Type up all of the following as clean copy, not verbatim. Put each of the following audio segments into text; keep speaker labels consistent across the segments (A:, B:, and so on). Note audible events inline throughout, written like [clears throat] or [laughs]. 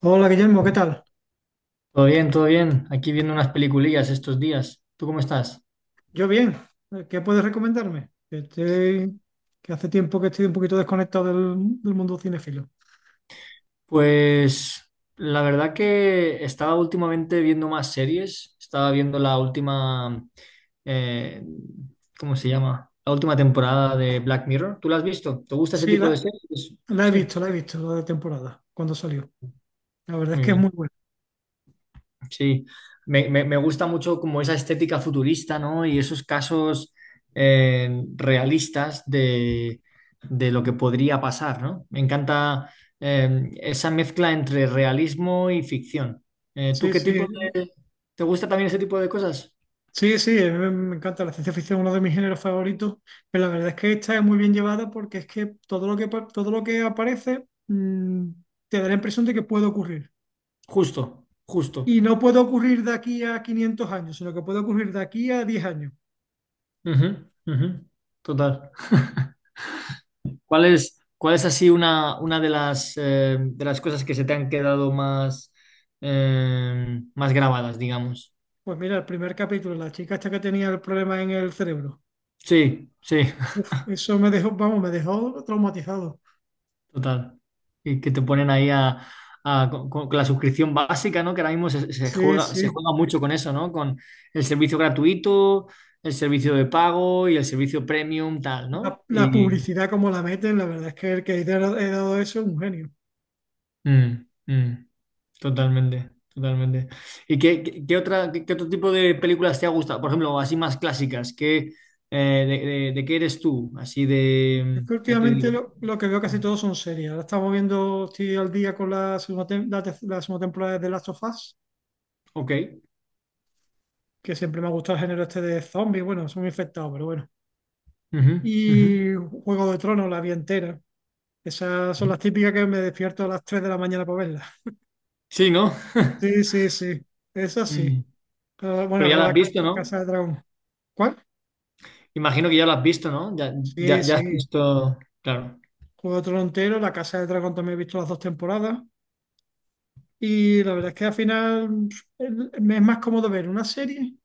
A: Hola Guillermo, ¿qué tal?
B: Todo bien, todo bien. Aquí viendo unas peliculillas estos días. ¿Tú cómo estás?
A: Yo bien. ¿Qué puedes recomendarme? Que hace tiempo que estoy un poquito desconectado del mundo cinefilo.
B: Pues la verdad que estaba últimamente viendo más series. Estaba viendo la última, eh, ¿cómo se llama? La última temporada de Black Mirror. ¿Tú la has visto? ¿Te gusta ese
A: Sí,
B: tipo de
A: la,
B: series?
A: la he
B: Sí,
A: visto, la he visto, la de temporada, cuando salió. La verdad es
B: muy
A: que es muy
B: bien.
A: buena.
B: Sí, me gusta mucho como esa estética futurista, ¿no? Y esos casos realistas de lo que podría pasar, ¿no? Me encanta esa mezcla entre realismo y ficción. ¿Tú
A: Sí,
B: qué
A: sí,
B: tipo de... ¿Te gusta también ese tipo de cosas?
A: sí, sí, a me encanta la ciencia ficción, uno de mis géneros favoritos, pero la verdad es que esta es muy bien llevada porque es que todo lo que, todo lo que aparece te da la impresión de que puede ocurrir.
B: Justo, justo.
A: Y no puede ocurrir de aquí a 500 años, sino que puede ocurrir de aquí a 10 años.
B: Ujú, ujú. Total. [laughs] ¿Cuál es así una de las cosas que se te han quedado más, más grabadas, digamos?
A: Pues mira, el primer capítulo, la chica esta que tenía el problema en el cerebro.
B: Sí, sí, [laughs]
A: Uf, eso me dejó, vamos, me dejó traumatizado.
B: total. Y que te ponen ahí con la suscripción básica, ¿no? Que ahora mismo se
A: Sí,
B: juega, se
A: sí.
B: juega mucho con eso, ¿no? Con el servicio gratuito, el servicio de pago y el servicio premium, tal, ¿no?
A: La
B: Y
A: publicidad como la meten, la verdad es que el que ha dado eso es un genio.
B: mm, mm, totalmente, totalmente. ¿Y qué otra, qué otro tipo de películas te ha gustado? Por ejemplo, así más clásicas, ¿qué, eh, de qué eres tú? Así
A: Es
B: de,
A: que
B: ¿qué te
A: últimamente
B: digo?
A: lo que veo casi todos son series. Ahora estamos viendo, estoy al día con la segunda, tem- la, tec- la segunda temporada de The Last of Us,
B: Ok.
A: que siempre me ha gustado el género este de zombies. Bueno, son infectados, pero bueno.
B: Ujú, ujú,
A: Y Juego de Tronos, la vi entera. Esas son
B: ujú.
A: las típicas que me despierto a las 3 de la mañana para verlas.
B: Sí, ¿no? [laughs]
A: Sí, sí, sí, es así.
B: Mm.
A: Ah, bueno,
B: Pero ya la has visto,
A: la
B: ¿no?
A: Casa de Dragón. ¿Cuál?
B: Imagino que ya la has visto, ¿no? Ya,
A: Sí,
B: ya has
A: sí.
B: visto. Claro,
A: Juego trontero, la Casa de Dragón también he visto las dos temporadas. Y la verdad es que al final me es más cómodo ver una serie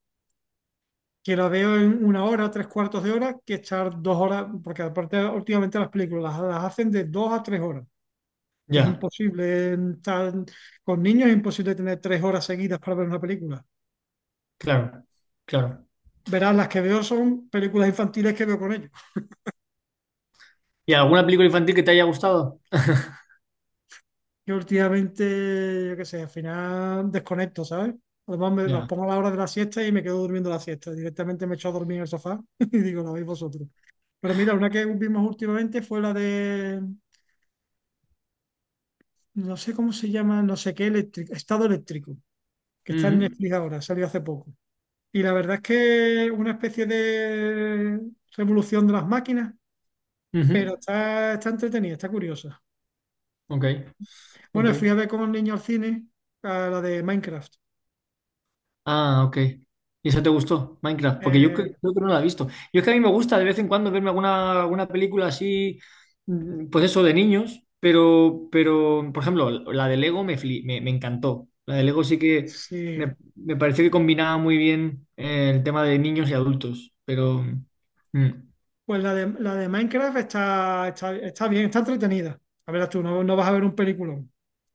A: que la veo en una hora, tres cuartos de hora, que estar dos horas, porque aparte últimamente las películas las hacen de dos a tres horas. Es
B: ya,
A: imposible estar con niños, es imposible tener tres horas seguidas para ver una película.
B: claro, claro.
A: Verás, las que veo son películas infantiles que veo con ellos.
B: ¿Y alguna película infantil que te haya gustado? [laughs]
A: Yo últimamente, yo qué sé, al final desconecto, ¿sabes? Además, me los
B: Ya.
A: pongo a la hora de la siesta y me quedo durmiendo la siesta. Directamente me echo a dormir en el sofá [laughs] y digo, lo veis vosotros. Pero mira, una que vimos últimamente fue no sé cómo se llama, no sé qué, eléctrico, Estado Eléctrico, que está en
B: Ujú,
A: Netflix ahora, salió hace poco. Y la verdad es que una especie de revolución de las máquinas, pero
B: ujú.
A: está entretenida, está curiosa.
B: Ok, ok.
A: Bueno, fui a ver con los niños al cine, a la de Minecraft.
B: Ah, ok. ¿Y eso te gustó, Minecraft? Porque yo
A: Eh,
B: creo que no la he visto. Yo es que a mí me gusta de vez en cuando verme alguna, alguna película así, mm, pues eso, de niños, pero por ejemplo, la de Lego me encantó. La de Lego sí que
A: sí.
B: me pareció que combinaba muy bien el tema de niños y adultos, pero... mm, mm.
A: Pues la de Minecraft está bien, está entretenida. A ver, tú no vas a ver un peliculón.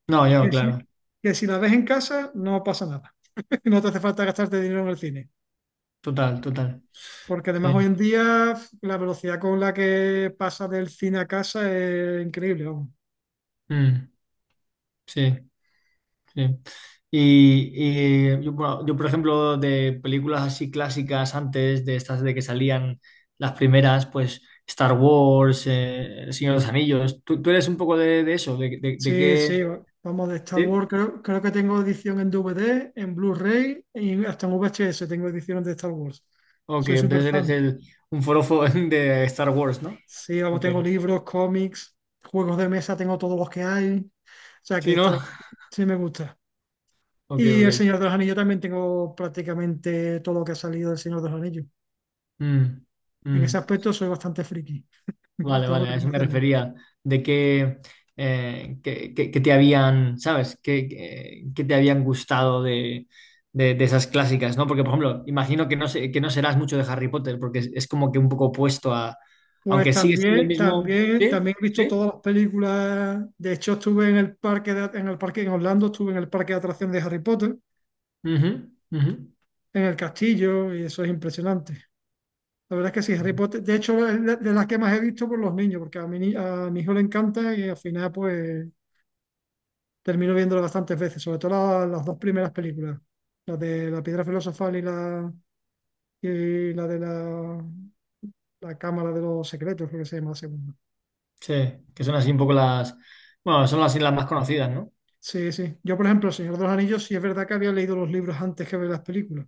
B: No, yo,
A: Que
B: claro,
A: si, que si la ves en casa, no pasa nada. [laughs] No te hace falta gastarte dinero en el cine.
B: total, total.
A: Porque además hoy
B: Sí,
A: en día la velocidad con la que pasa del cine a casa es increíble, vamos.
B: mm, sí. Sí. Y yo, bueno, yo, por ejemplo, de películas así clásicas antes, de estas de que salían las primeras, pues Star Wars, El Señor de los Anillos, ¿tú, tú eres un poco de eso? ¿De, de
A: Sí,
B: qué?
A: sí, vamos de Star Wars.
B: ¿Sí?
A: Creo que tengo edición en DVD, en Blu-ray y hasta en VHS tengo ediciones de Star Wars.
B: Ok,
A: Soy súper
B: entonces eres
A: fan.
B: el, un forofo [laughs] de Star Wars, ¿no?
A: Sí, vamos,
B: Ok.
A: tengo libros, cómics, juegos de mesa, tengo todos los que hay. O sea que
B: Sí, ¿no?
A: esta
B: [laughs]
A: sí me gusta.
B: Ok,
A: Y El
B: ok.
A: Señor de los Anillos también tengo prácticamente todo lo que ha salido del Señor de los Anillos.
B: Mm,
A: En ese
B: mm.
A: aspecto soy bastante friki, [laughs]
B: Vale,
A: tengo que
B: vale, a eso me
A: reconocerlo.
B: refería, de que, que te habían, ¿sabes? Que, que te habían gustado de, de esas clásicas, ¿no? Porque, por ejemplo, imagino que no, que no serás mucho de Harry Potter, porque es como que un poco opuesto a,
A: Pues
B: aunque sigue siendo lo
A: también,
B: mismo,
A: también, también
B: ¿sí?
A: he visto
B: ¿Sí?
A: todas las películas. De hecho, estuve en el en el parque en Orlando, estuve en el parque de atracción de Harry Potter,
B: Ujú, ujú.
A: en el castillo, y eso es impresionante. La verdad es que sí, Harry Potter, de hecho, es de las que más he visto por los niños, porque a mi, ni- a mi hijo le encanta y al final, pues, termino viéndolo bastantes veces, sobre todo las dos primeras películas, la de la piedra filosofal y la Cámara de los Secretos, creo que se llama la segunda.
B: Sí, que son así un poco las, bueno, son así las más conocidas, ¿no?
A: Sí, sí. Yo, por ejemplo, El Señor de los Anillos, sí es verdad que había leído los libros antes que ver las películas.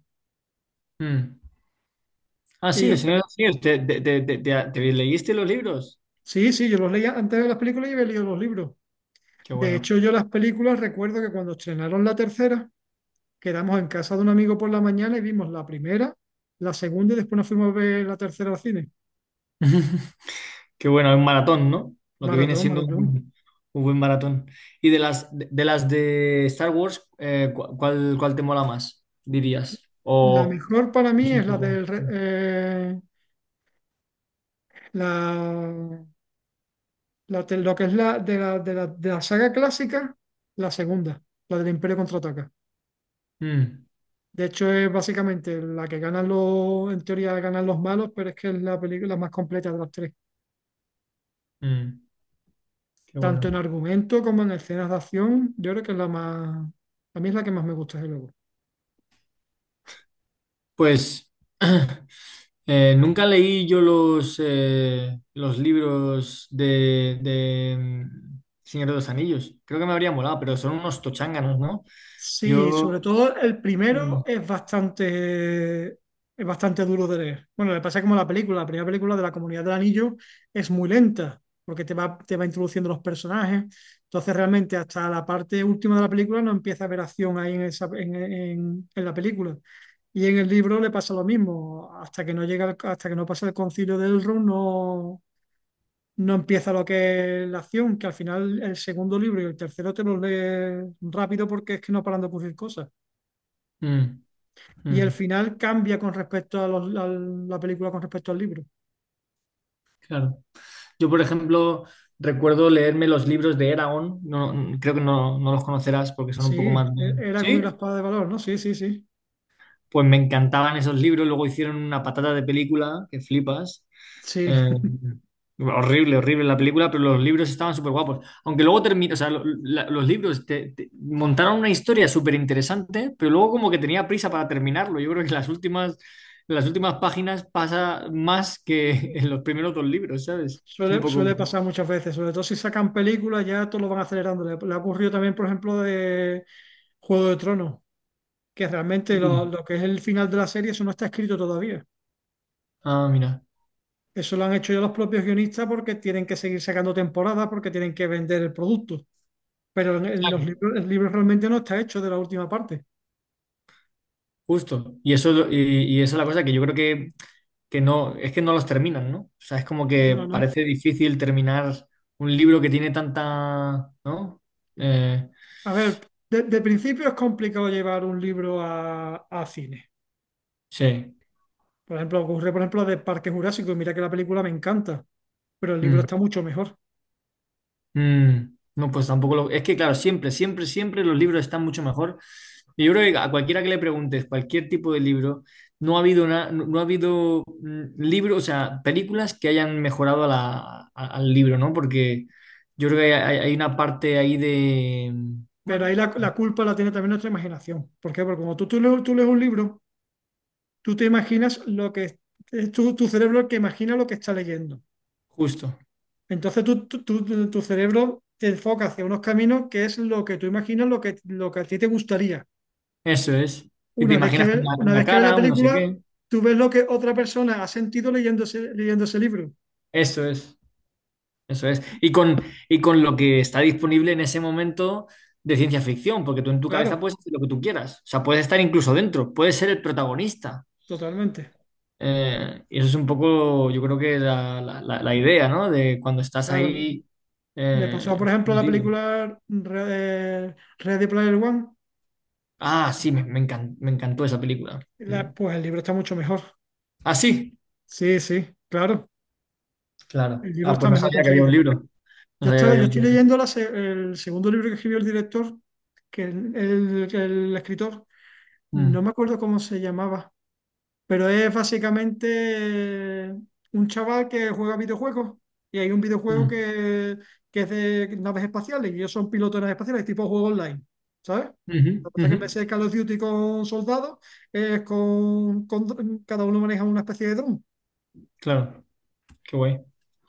B: Mm. Ah,
A: Y
B: sí,
A: las
B: el Señor
A: peli-
B: de los Anillos, ¿te leíste los libros?
A: sí, sí, yo los leía antes de ver las películas y había leído los libros.
B: Qué
A: De
B: bueno.
A: hecho, yo las películas recuerdo que cuando estrenaron la tercera, quedamos en casa de un amigo por la mañana y vimos la primera, la segunda y después nos fuimos a ver la tercera al cine.
B: [laughs] Qué bueno, es un maratón, ¿no? Lo que viene
A: Maratón,
B: siendo
A: maratón.
B: un buen maratón. Y de las de Star Wars, ¿cuál, cuál te mola más, dirías?
A: La
B: O
A: mejor para mí
B: es un
A: es la
B: poco...
A: del re-
B: Mm,
A: la, la de- lo que es la de la, de la de la saga clásica, la segunda, la del Imperio Contraataca.
B: mm,
A: De hecho, es básicamente la que ganan en teoría ganan los malos, pero es que es la película más completa de las tres.
B: mm, qué
A: Tanto en
B: bueno.
A: argumento como en escenas de acción, yo creo que es a mí es la que más me gusta, desde luego.
B: Pues [clears throat] nunca leí yo los libros de mm, Señor de los Anillos. Creo que me habría molado, pero son unos tochanganos, ¿no?
A: Sí,
B: Yo...
A: sobre todo el
B: Mm,
A: primero es bastante duro de leer. Bueno, le pasa como a la película. La primera película de la Comunidad del Anillo es muy lenta, porque te va introduciendo los personajes. Entonces, realmente, hasta la parte última de la película no empieza a haber acción ahí en la película. Y en el libro le pasa lo mismo, hasta que no llega, hasta que no pasa el concilio de Elrond, no, no empieza lo que es la acción, que al final el segundo libro y el tercero te los lees rápido porque es que no paran de ocurrir cosas.
B: mm,
A: Y el
B: mm,
A: final cambia con respecto a la película, con respecto al libro.
B: claro. Yo, por ejemplo, recuerdo leerme los libros de Eragon, no, creo que no, no los conocerás porque son
A: Sí,
B: un poco más... de-
A: era con la
B: Sí,
A: espada de valor, ¿no? Sí, sí, sí.
B: pues me encantaban esos libros, luego hicieron una patata de película, que flipas.
A: Sí,
B: Eh, horrible, horrible la película, pero los libros estaban súper guapos. Aunque luego terminó, o sea, los libros montaron una historia súper interesante, pero luego como que tenía prisa para terminarlo. Yo creo que las últimas páginas pasa más que [laughs] en los primeros dos libros, ¿sabes? Es un poco...
A: suele pasar muchas veces, sobre todo si sacan películas, ya todos lo van acelerando. Le ha ocurrido también, por ejemplo, de Juego de Tronos, que realmente
B: mm,
A: lo que es el final de la serie, eso no está escrito todavía.
B: Ah, mira.
A: Eso lo han hecho ya los propios guionistas porque tienen que seguir sacando temporadas, porque tienen que vender el producto. Pero en los
B: Claro,
A: libros, el libro realmente no está hecho de la última parte.
B: justo. Y eso, y esa es la cosa que yo creo que no, es que no los terminan, ¿no? O sea, es como
A: No,
B: que
A: no.
B: parece difícil terminar un libro que tiene tanta, ¿no? Eh,
A: A ver, de principio es complicado llevar un libro a cine.
B: sí.
A: Por ejemplo, ocurre, por ejemplo, de Parque Jurásico, y mira que la película me encanta, pero el libro
B: Mm.
A: está mucho mejor.
B: Mm, no, pues tampoco lo... Es que, claro, siempre, siempre, siempre los libros están mucho mejor. Y yo creo que a cualquiera que le preguntes cualquier tipo de libro, no ha habido, no, no ha habido mm, libro, o sea, películas que hayan mejorado a al libro, ¿no? Porque yo creo que hay una parte ahí de... mm,
A: Pero ahí
B: Bueno,
A: la culpa la tiene también nuestra imaginación. ¿Por qué? Porque cuando tú lees un libro, tú te imaginas lo que... Es tu cerebro el que imagina lo que está leyendo.
B: justo,
A: Entonces tu cerebro te enfoca hacia unos caminos que es lo que tú imaginas, lo que a ti te gustaría.
B: eso es. Y te imaginas
A: Una
B: una
A: vez que ves la
B: cara, un no sé
A: película,
B: qué.
A: tú ves lo que otra persona ha sentido leyendo ese libro.
B: Eso es. Eso es. Y con lo que está disponible en ese momento de ciencia ficción, porque tú en tu cabeza
A: Claro,
B: puedes hacer lo que tú quieras. O sea, puedes estar incluso dentro, puedes ser el protagonista.
A: totalmente.
B: Y eso es un poco, yo creo que la, la idea, ¿no? De cuando estás
A: Claro,
B: ahí.
A: le pasó, por ejemplo, a la
B: Metido.
A: película Ready Player One.
B: Ah, sí, me encantó esa película. Mm.
A: Pues el libro está mucho mejor.
B: Ah, sí,
A: Sí, sí, claro.
B: claro.
A: El libro
B: Ah,
A: está
B: pues no
A: mejor
B: sabía que había un
A: conseguido.
B: libro. No sabía que había
A: Yo
B: un
A: estoy
B: libro.
A: leyendo el segundo libro que escribió el director, que el escritor no me
B: Mm,
A: acuerdo cómo se llamaba, pero es básicamente un chaval que juega videojuegos y hay un videojuego
B: mm.
A: que es de naves espaciales y ellos son pilotos de naves espaciales, tipo juego online, ¿sabes?
B: Ujú,
A: Lo que pasa es que
B: ujú.
A: en vez de Call of Duty con soldados, es cada uno maneja una especie de dron.
B: Claro, qué guay.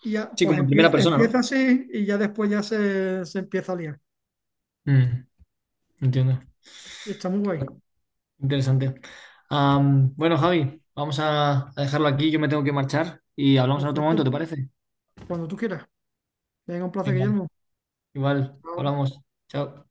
A: Y ya,
B: Sí,
A: pues
B: como en primera persona,
A: empieza
B: ¿no?
A: así y ya después ya se empieza a liar.
B: Mm. Entiendo.
A: Y está muy guay.
B: Bueno, Interesante. Am, bueno, Javi, vamos a dejarlo aquí. Yo me tengo que marchar y hablamos en otro momento, ¿te
A: Perfecto.
B: parece?
A: Cuando tú quieras. Venga, un placer,
B: Venga,
A: Guillermo.
B: igual,
A: Chao.
B: hablamos. Chao.